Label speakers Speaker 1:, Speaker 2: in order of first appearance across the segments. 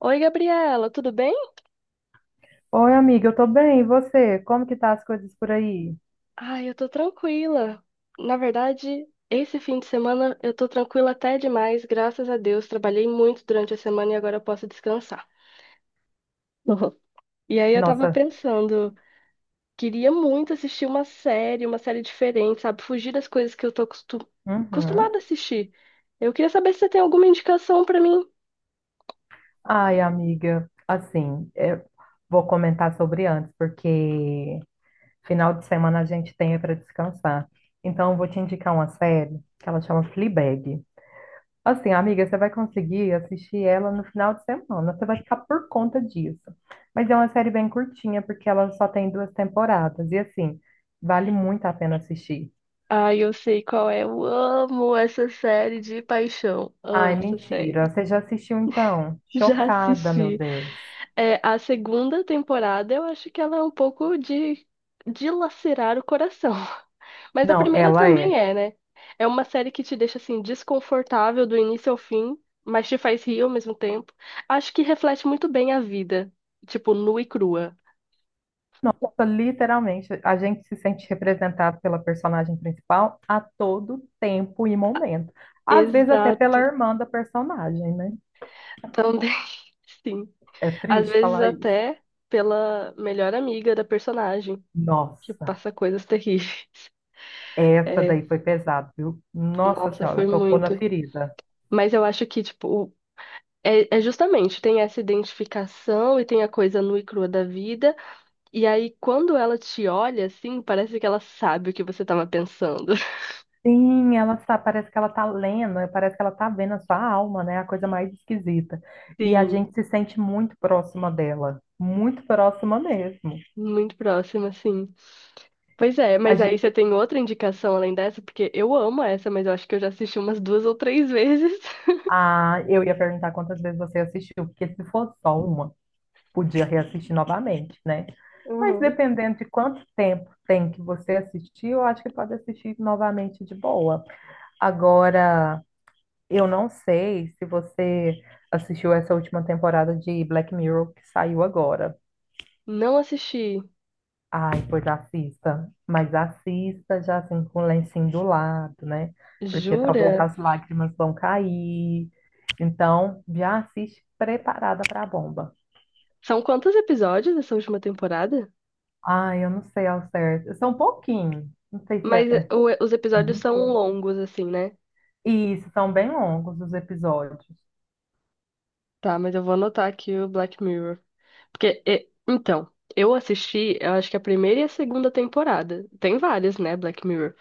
Speaker 1: Oi, Gabriela, tudo bem?
Speaker 2: Oi, amiga, eu tô bem, e você? Como que tá as coisas por aí?
Speaker 1: Ai, eu tô tranquila. Na verdade, esse fim de semana eu tô tranquila até demais, graças a Deus. Trabalhei muito durante a semana e agora eu posso descansar. E aí eu tava
Speaker 2: Nossa,
Speaker 1: pensando, queria muito assistir uma série diferente, sabe? Fugir das coisas que acostumada
Speaker 2: uhum.
Speaker 1: a assistir. Eu queria saber se você tem alguma indicação pra mim.
Speaker 2: Ai, amiga, assim, eu vou comentar sobre antes, porque final de semana a gente tem para descansar. Então, eu vou te indicar uma série que ela chama Fleabag. Assim, amiga, você vai conseguir assistir ela no final de semana, você vai ficar por conta disso. Mas é uma série bem curtinha, porque ela só tem duas temporadas, e assim, vale muito a pena assistir.
Speaker 1: Ai, eu sei qual é. Eu amo essa série de paixão.
Speaker 2: Ai,
Speaker 1: Amo essa série.
Speaker 2: mentira. Você já assistiu então?
Speaker 1: Já
Speaker 2: Chocada, meu
Speaker 1: assisti.
Speaker 2: Deus.
Speaker 1: É, a segunda temporada, eu acho que ela é um pouco de dilacerar o coração. Mas a
Speaker 2: Não,
Speaker 1: primeira
Speaker 2: ela
Speaker 1: também
Speaker 2: é.
Speaker 1: é, né? É uma série que te deixa assim desconfortável do início ao fim, mas te faz rir ao mesmo tempo. Acho que reflete muito bem a vida, tipo, nua e crua.
Speaker 2: Literalmente, a gente se sente representado pela personagem principal a todo tempo e momento. Às vezes até pela
Speaker 1: Exato,
Speaker 2: irmã da personagem, né?
Speaker 1: também, sim.
Speaker 2: É
Speaker 1: Às
Speaker 2: triste
Speaker 1: vezes
Speaker 2: falar isso.
Speaker 1: até pela melhor amiga da personagem, que
Speaker 2: Nossa,
Speaker 1: passa coisas terríveis.
Speaker 2: essa
Speaker 1: É,
Speaker 2: daí foi pesada, viu? Nossa
Speaker 1: nossa,
Speaker 2: Senhora,
Speaker 1: foi
Speaker 2: tocou na
Speaker 1: muito.
Speaker 2: ferida.
Speaker 1: Mas eu acho que, tipo, é justamente, tem essa identificação e tem a coisa nua e crua da vida. E aí, quando ela te olha, assim, parece que ela sabe o que você tava pensando.
Speaker 2: Sim, ela tá, parece que ela tá lendo, parece que ela tá vendo a sua alma, né? A coisa mais esquisita. E a
Speaker 1: Sim,
Speaker 2: gente se sente muito próxima dela, muito próxima mesmo.
Speaker 1: muito próxima, sim. Pois é,
Speaker 2: A,
Speaker 1: mas
Speaker 2: ge-
Speaker 1: aí você tem outra indicação além dessa, porque eu amo essa, mas eu acho que eu já assisti umas duas ou três vezes.
Speaker 2: eu ia perguntar quantas vezes você assistiu, porque se for só uma, podia reassistir novamente, né? Mas
Speaker 1: Uhum.
Speaker 2: dependendo de quanto tempo tem que você assistir, eu acho que pode assistir novamente de boa. Agora, eu não sei se você assistiu essa última temporada de Black Mirror que saiu agora.
Speaker 1: Não assisti.
Speaker 2: Ai, pois assista, mas assista já assim com o lencinho do lado, né? Porque talvez
Speaker 1: Jura?
Speaker 2: as lágrimas vão cair. Então, já assiste preparada para a bomba.
Speaker 1: São quantos episódios essa última temporada?
Speaker 2: Ai, eu não sei ao certo. São pouquinho, não sei se
Speaker 1: Mas
Speaker 2: é
Speaker 1: os episódios são
Speaker 2: cinco.
Speaker 1: longos, assim, né?
Speaker 2: Isso, são bem longos os episódios.
Speaker 1: Tá, mas eu vou anotar aqui o Black Mirror. Então, eu assisti, eu acho que a primeira e a segunda temporada. Tem várias, né, Black Mirror.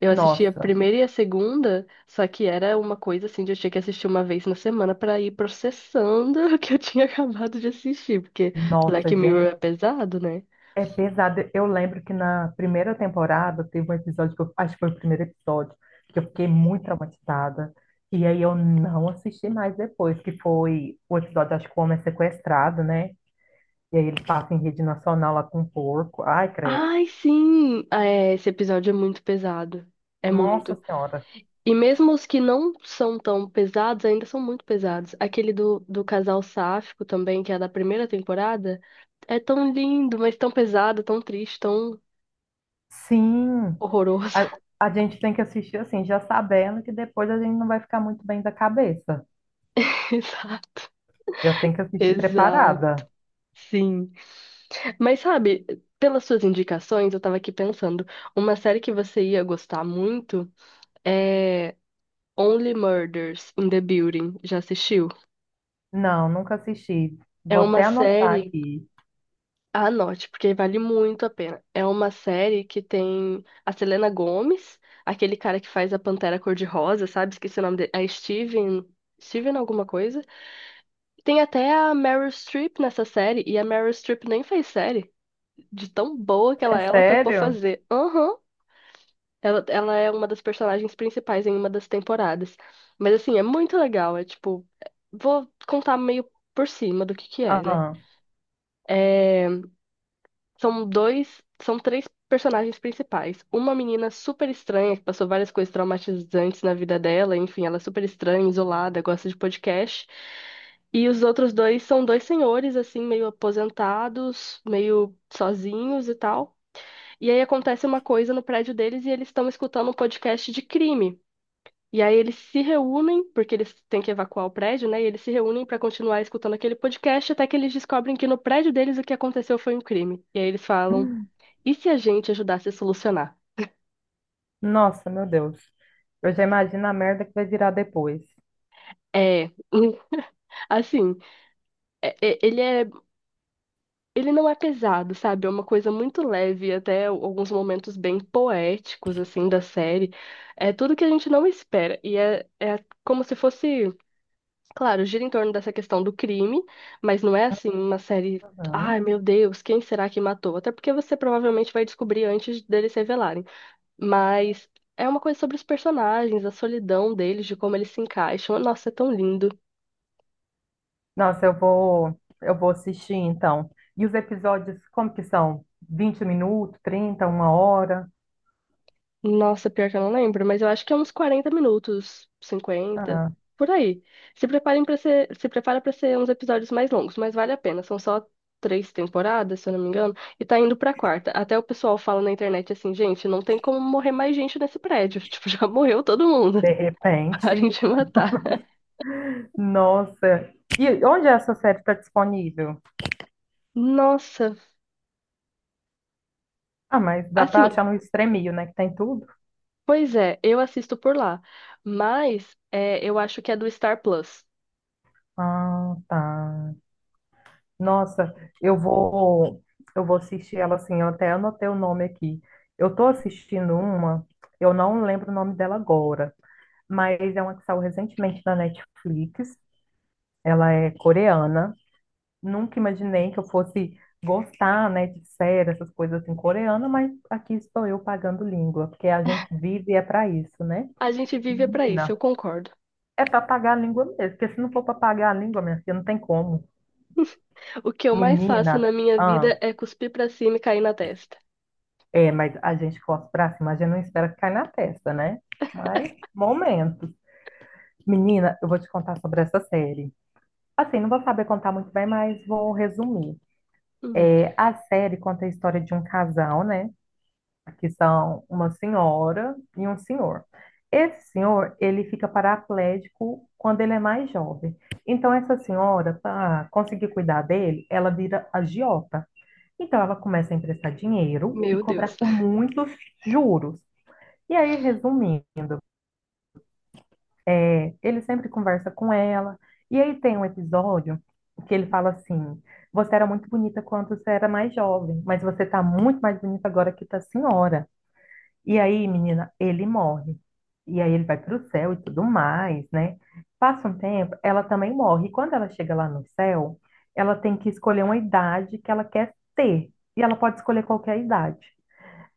Speaker 1: Eu assisti a
Speaker 2: Nossa,
Speaker 1: primeira e a segunda, só que era uma coisa assim de eu tinha que assistir uma vez na semana pra ir processando o que eu tinha acabado de assistir, porque
Speaker 2: nossa,
Speaker 1: Black Mirror
Speaker 2: gente.
Speaker 1: é pesado, né?
Speaker 2: É pesado. Eu lembro que na primeira temporada teve um episódio, que eu, acho que foi o primeiro episódio, que eu fiquei muito traumatizada. E aí eu não assisti mais depois, que foi o episódio, acho que o homem é sequestrado, né? E aí ele passa em rede nacional lá com um porco. Ai, credo.
Speaker 1: Ai, sim! Ah, é, esse episódio é muito pesado. É
Speaker 2: Nossa
Speaker 1: muito.
Speaker 2: Senhora.
Speaker 1: E mesmo os que não são tão pesados, ainda são muito pesados. Aquele do casal sáfico também, que é da primeira temporada, é tão lindo, mas tão pesado, tão triste, tão
Speaker 2: Sim,
Speaker 1: horroroso.
Speaker 2: a, a gente tem que assistir assim, já sabendo que depois a gente não vai ficar muito bem da cabeça.
Speaker 1: Exato.
Speaker 2: Já tem que assistir
Speaker 1: Exato,
Speaker 2: preparada.
Speaker 1: sim. Mas sabe, pelas suas indicações, eu tava aqui pensando, uma série que você ia gostar muito é Only Murders in the Building. Já assistiu?
Speaker 2: Não, nunca assisti.
Speaker 1: É
Speaker 2: Vou
Speaker 1: uma
Speaker 2: até anotar
Speaker 1: série
Speaker 2: aqui.
Speaker 1: Anote, porque vale muito a pena. É uma série que tem a Selena Gomez, aquele cara que faz a Pantera Cor-de-Rosa, sabe? Esqueci o nome dele. É Steven. Steven alguma coisa. Tem até a Meryl Streep nessa série, e a Meryl Streep nem fez série. De tão boa que ela
Speaker 2: É
Speaker 1: é, ela topou
Speaker 2: sério?
Speaker 1: fazer. Aham. Ela é uma das personagens principais em uma das temporadas. Mas assim, é muito legal. É tipo. Vou contar meio por cima do que é, né?
Speaker 2: Ah,
Speaker 1: É. São três personagens principais. Uma menina super estranha, que passou várias coisas traumatizantes na vida dela, enfim, ela é super estranha, isolada, gosta de podcast. E os outros dois são dois senhores, assim, meio aposentados, meio sozinhos e tal. E aí acontece uma coisa no prédio deles e eles estão escutando um podcast de crime. E aí eles se reúnem, porque eles têm que evacuar o prédio, né? E eles se reúnem para continuar escutando aquele podcast até que eles descobrem que no prédio deles o que aconteceu foi um crime. E aí eles falam. E se a gente ajudasse a solucionar?
Speaker 2: nossa, meu Deus. Eu já imagino a merda que vai virar depois.
Speaker 1: É, assim, é- é- ele é, ele não é pesado, sabe? É uma coisa muito leve, até alguns momentos bem poéticos, assim, da série. É tudo que a gente não espera. É como se fosse, claro, gira em torno dessa questão do crime, mas não é assim uma série, ai
Speaker 2: Uhum.
Speaker 1: meu Deus, quem será que matou? Até porque você provavelmente vai descobrir antes deles se revelarem. Mas é uma coisa sobre os personagens, a solidão deles, de como eles se encaixam. Nossa, é tão lindo.
Speaker 2: Nossa, eu vou assistir então. E os episódios, como que são? 20 minutos, 30, uma hora?
Speaker 1: Nossa, pior que eu não lembro, mas eu acho que é uns 40 minutos, cinquenta,
Speaker 2: Ah,
Speaker 1: por aí. Se prepara para ser uns episódios mais longos, mas vale a pena. São só três temporadas, se eu não me engano, e tá indo pra quarta. Até o pessoal fala na internet assim, gente, não tem como morrer mais gente nesse prédio. Tipo, já morreu todo mundo.
Speaker 2: de
Speaker 1: Parem
Speaker 2: repente.
Speaker 1: de matar.
Speaker 2: Nossa. E onde é essa série está disponível?
Speaker 1: Nossa,
Speaker 2: Ah, mas dá para
Speaker 1: assim,
Speaker 2: achar no Stremio, né? Que tem tudo.
Speaker 1: pois é, eu assisto por lá, mas eu acho que é do Star Plus.
Speaker 2: Ah, tá. Nossa, eu vou, eu vou assistir ela assim. Eu até anotei o nome aqui. Eu tô assistindo uma, eu não lembro o nome dela agora, mas é uma que saiu recentemente na Netflix. Ela é coreana. Nunca imaginei que eu fosse gostar, né, de série, essas coisas assim coreana, mas aqui estou eu pagando língua, porque a gente vive é para isso, né?
Speaker 1: A gente vive pra isso,
Speaker 2: Menina,
Speaker 1: eu concordo.
Speaker 2: é para pagar a língua mesmo, porque se não for para pagar a língua, minha filha, não tem como.
Speaker 1: O que eu mais
Speaker 2: Menina,
Speaker 1: faço na minha vida é cuspir pra cima e cair na testa.
Speaker 2: é, mas a gente força pra cima, a gente não espera que caia na testa, né? Mas, momentos. Menina, eu vou te contar sobre essa série. Assim, não vou saber contar muito bem, mas vou resumir.
Speaker 1: Hum,
Speaker 2: É, a série conta a história de um casal, né? Que são uma senhora e um senhor. Esse senhor, ele fica paraplégico quando ele é mais jovem. Então, essa senhora, para conseguir cuidar dele, ela vira agiota. Então, ela começa a emprestar dinheiro e
Speaker 1: meu Deus.
Speaker 2: cobrar com muitos juros. E aí, resumindo, é, ele sempre conversa com ela. E aí tem um episódio que ele fala assim: você era muito bonita quando você era mais jovem, mas você tá muito mais bonita agora que tá senhora. E aí, menina, ele morre. E aí ele vai pro céu e tudo mais, né? Passa um tempo, ela também morre. E quando ela chega lá no céu, ela tem que escolher uma idade que ela quer ter. E ela pode escolher qualquer idade.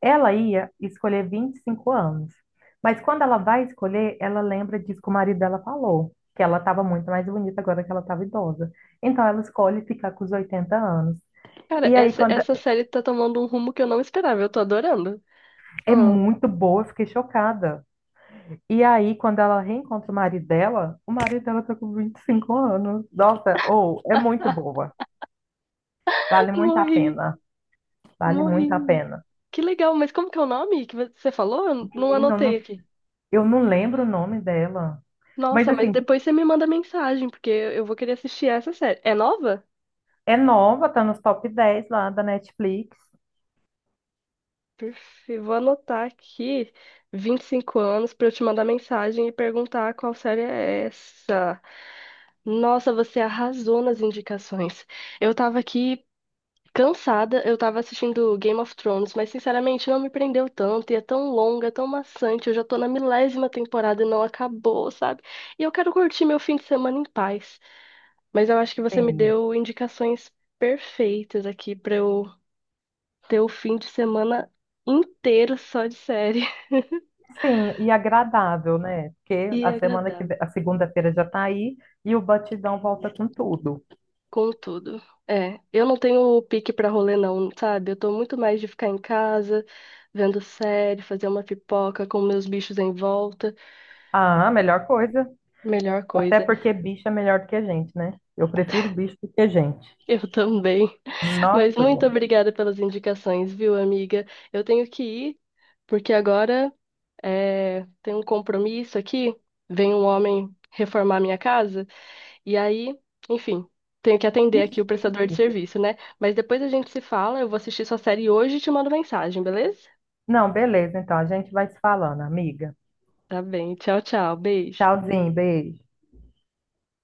Speaker 2: Ela ia escolher 25 anos, mas quando ela vai escolher, ela lembra disso que o marido dela falou, que ela estava muito mais bonita agora que ela estava idosa. Então ela escolhe ficar com os 80 anos.
Speaker 1: Cara,
Speaker 2: E aí,
Speaker 1: essa,
Speaker 2: quando
Speaker 1: essa série tá tomando um rumo que eu não esperava. Eu tô adorando.
Speaker 2: é
Speaker 1: Ah,
Speaker 2: muito boa, eu fiquei chocada. E aí, quando ela reencontra o marido dela tá com 25 anos. Nossa, ou é muito boa. Vale muito a
Speaker 1: morri,
Speaker 2: pena. Vale muito a
Speaker 1: morri.
Speaker 2: pena.
Speaker 1: Que legal, mas como que é o nome que você falou? Eu não
Speaker 2: Menina, eu
Speaker 1: anotei
Speaker 2: não,
Speaker 1: aqui.
Speaker 2: eu não lembro o nome dela. Mas
Speaker 1: Nossa, mas
Speaker 2: assim,
Speaker 1: depois você me manda mensagem, porque eu vou querer assistir essa série. É nova?
Speaker 2: é nova, tá nos top 10 lá da Netflix.
Speaker 1: Vou anotar aqui 25 anos para eu te mandar mensagem e perguntar qual série é essa. Nossa, você arrasou nas indicações. Eu tava aqui cansada, eu tava assistindo Game of Thrones, mas sinceramente não me prendeu tanto e é tão longa, é tão maçante. Eu já tô na milésima temporada e não acabou, sabe? E eu quero curtir meu fim de semana em paz. Mas eu acho que você me
Speaker 2: Sim.
Speaker 1: deu indicações perfeitas aqui para eu ter o fim de semana inteiro só de série
Speaker 2: Sim, e agradável, né? Porque
Speaker 1: e
Speaker 2: a semana que
Speaker 1: agradável.
Speaker 2: vem, a segunda-feira já tá aí e o batidão volta com tudo.
Speaker 1: Contudo, é, eu não tenho pique pra rolê não, sabe? Eu tô muito mais de ficar em casa, vendo série, fazer uma pipoca com meus bichos em volta.
Speaker 2: Ah, a melhor coisa.
Speaker 1: Melhor
Speaker 2: Até
Speaker 1: coisa.
Speaker 2: porque bicho é melhor do que a gente, né? Eu prefiro bicho do que gente.
Speaker 1: Eu também. Mas
Speaker 2: Nossa,
Speaker 1: muito
Speaker 2: gente.
Speaker 1: obrigada pelas indicações, viu, amiga? Eu tenho que ir, porque agora é, tem um compromisso aqui. Vem um homem reformar minha casa. E aí, enfim, tenho que atender
Speaker 2: Que
Speaker 1: aqui o
Speaker 2: chique.
Speaker 1: prestador de serviço, né? Mas depois a gente se fala, eu vou assistir sua série hoje e te mando mensagem, beleza?
Speaker 2: Não, beleza, então a gente vai se falando, amiga.
Speaker 1: Tá bem, tchau, tchau, beijo.
Speaker 2: Tchauzinho, beijo.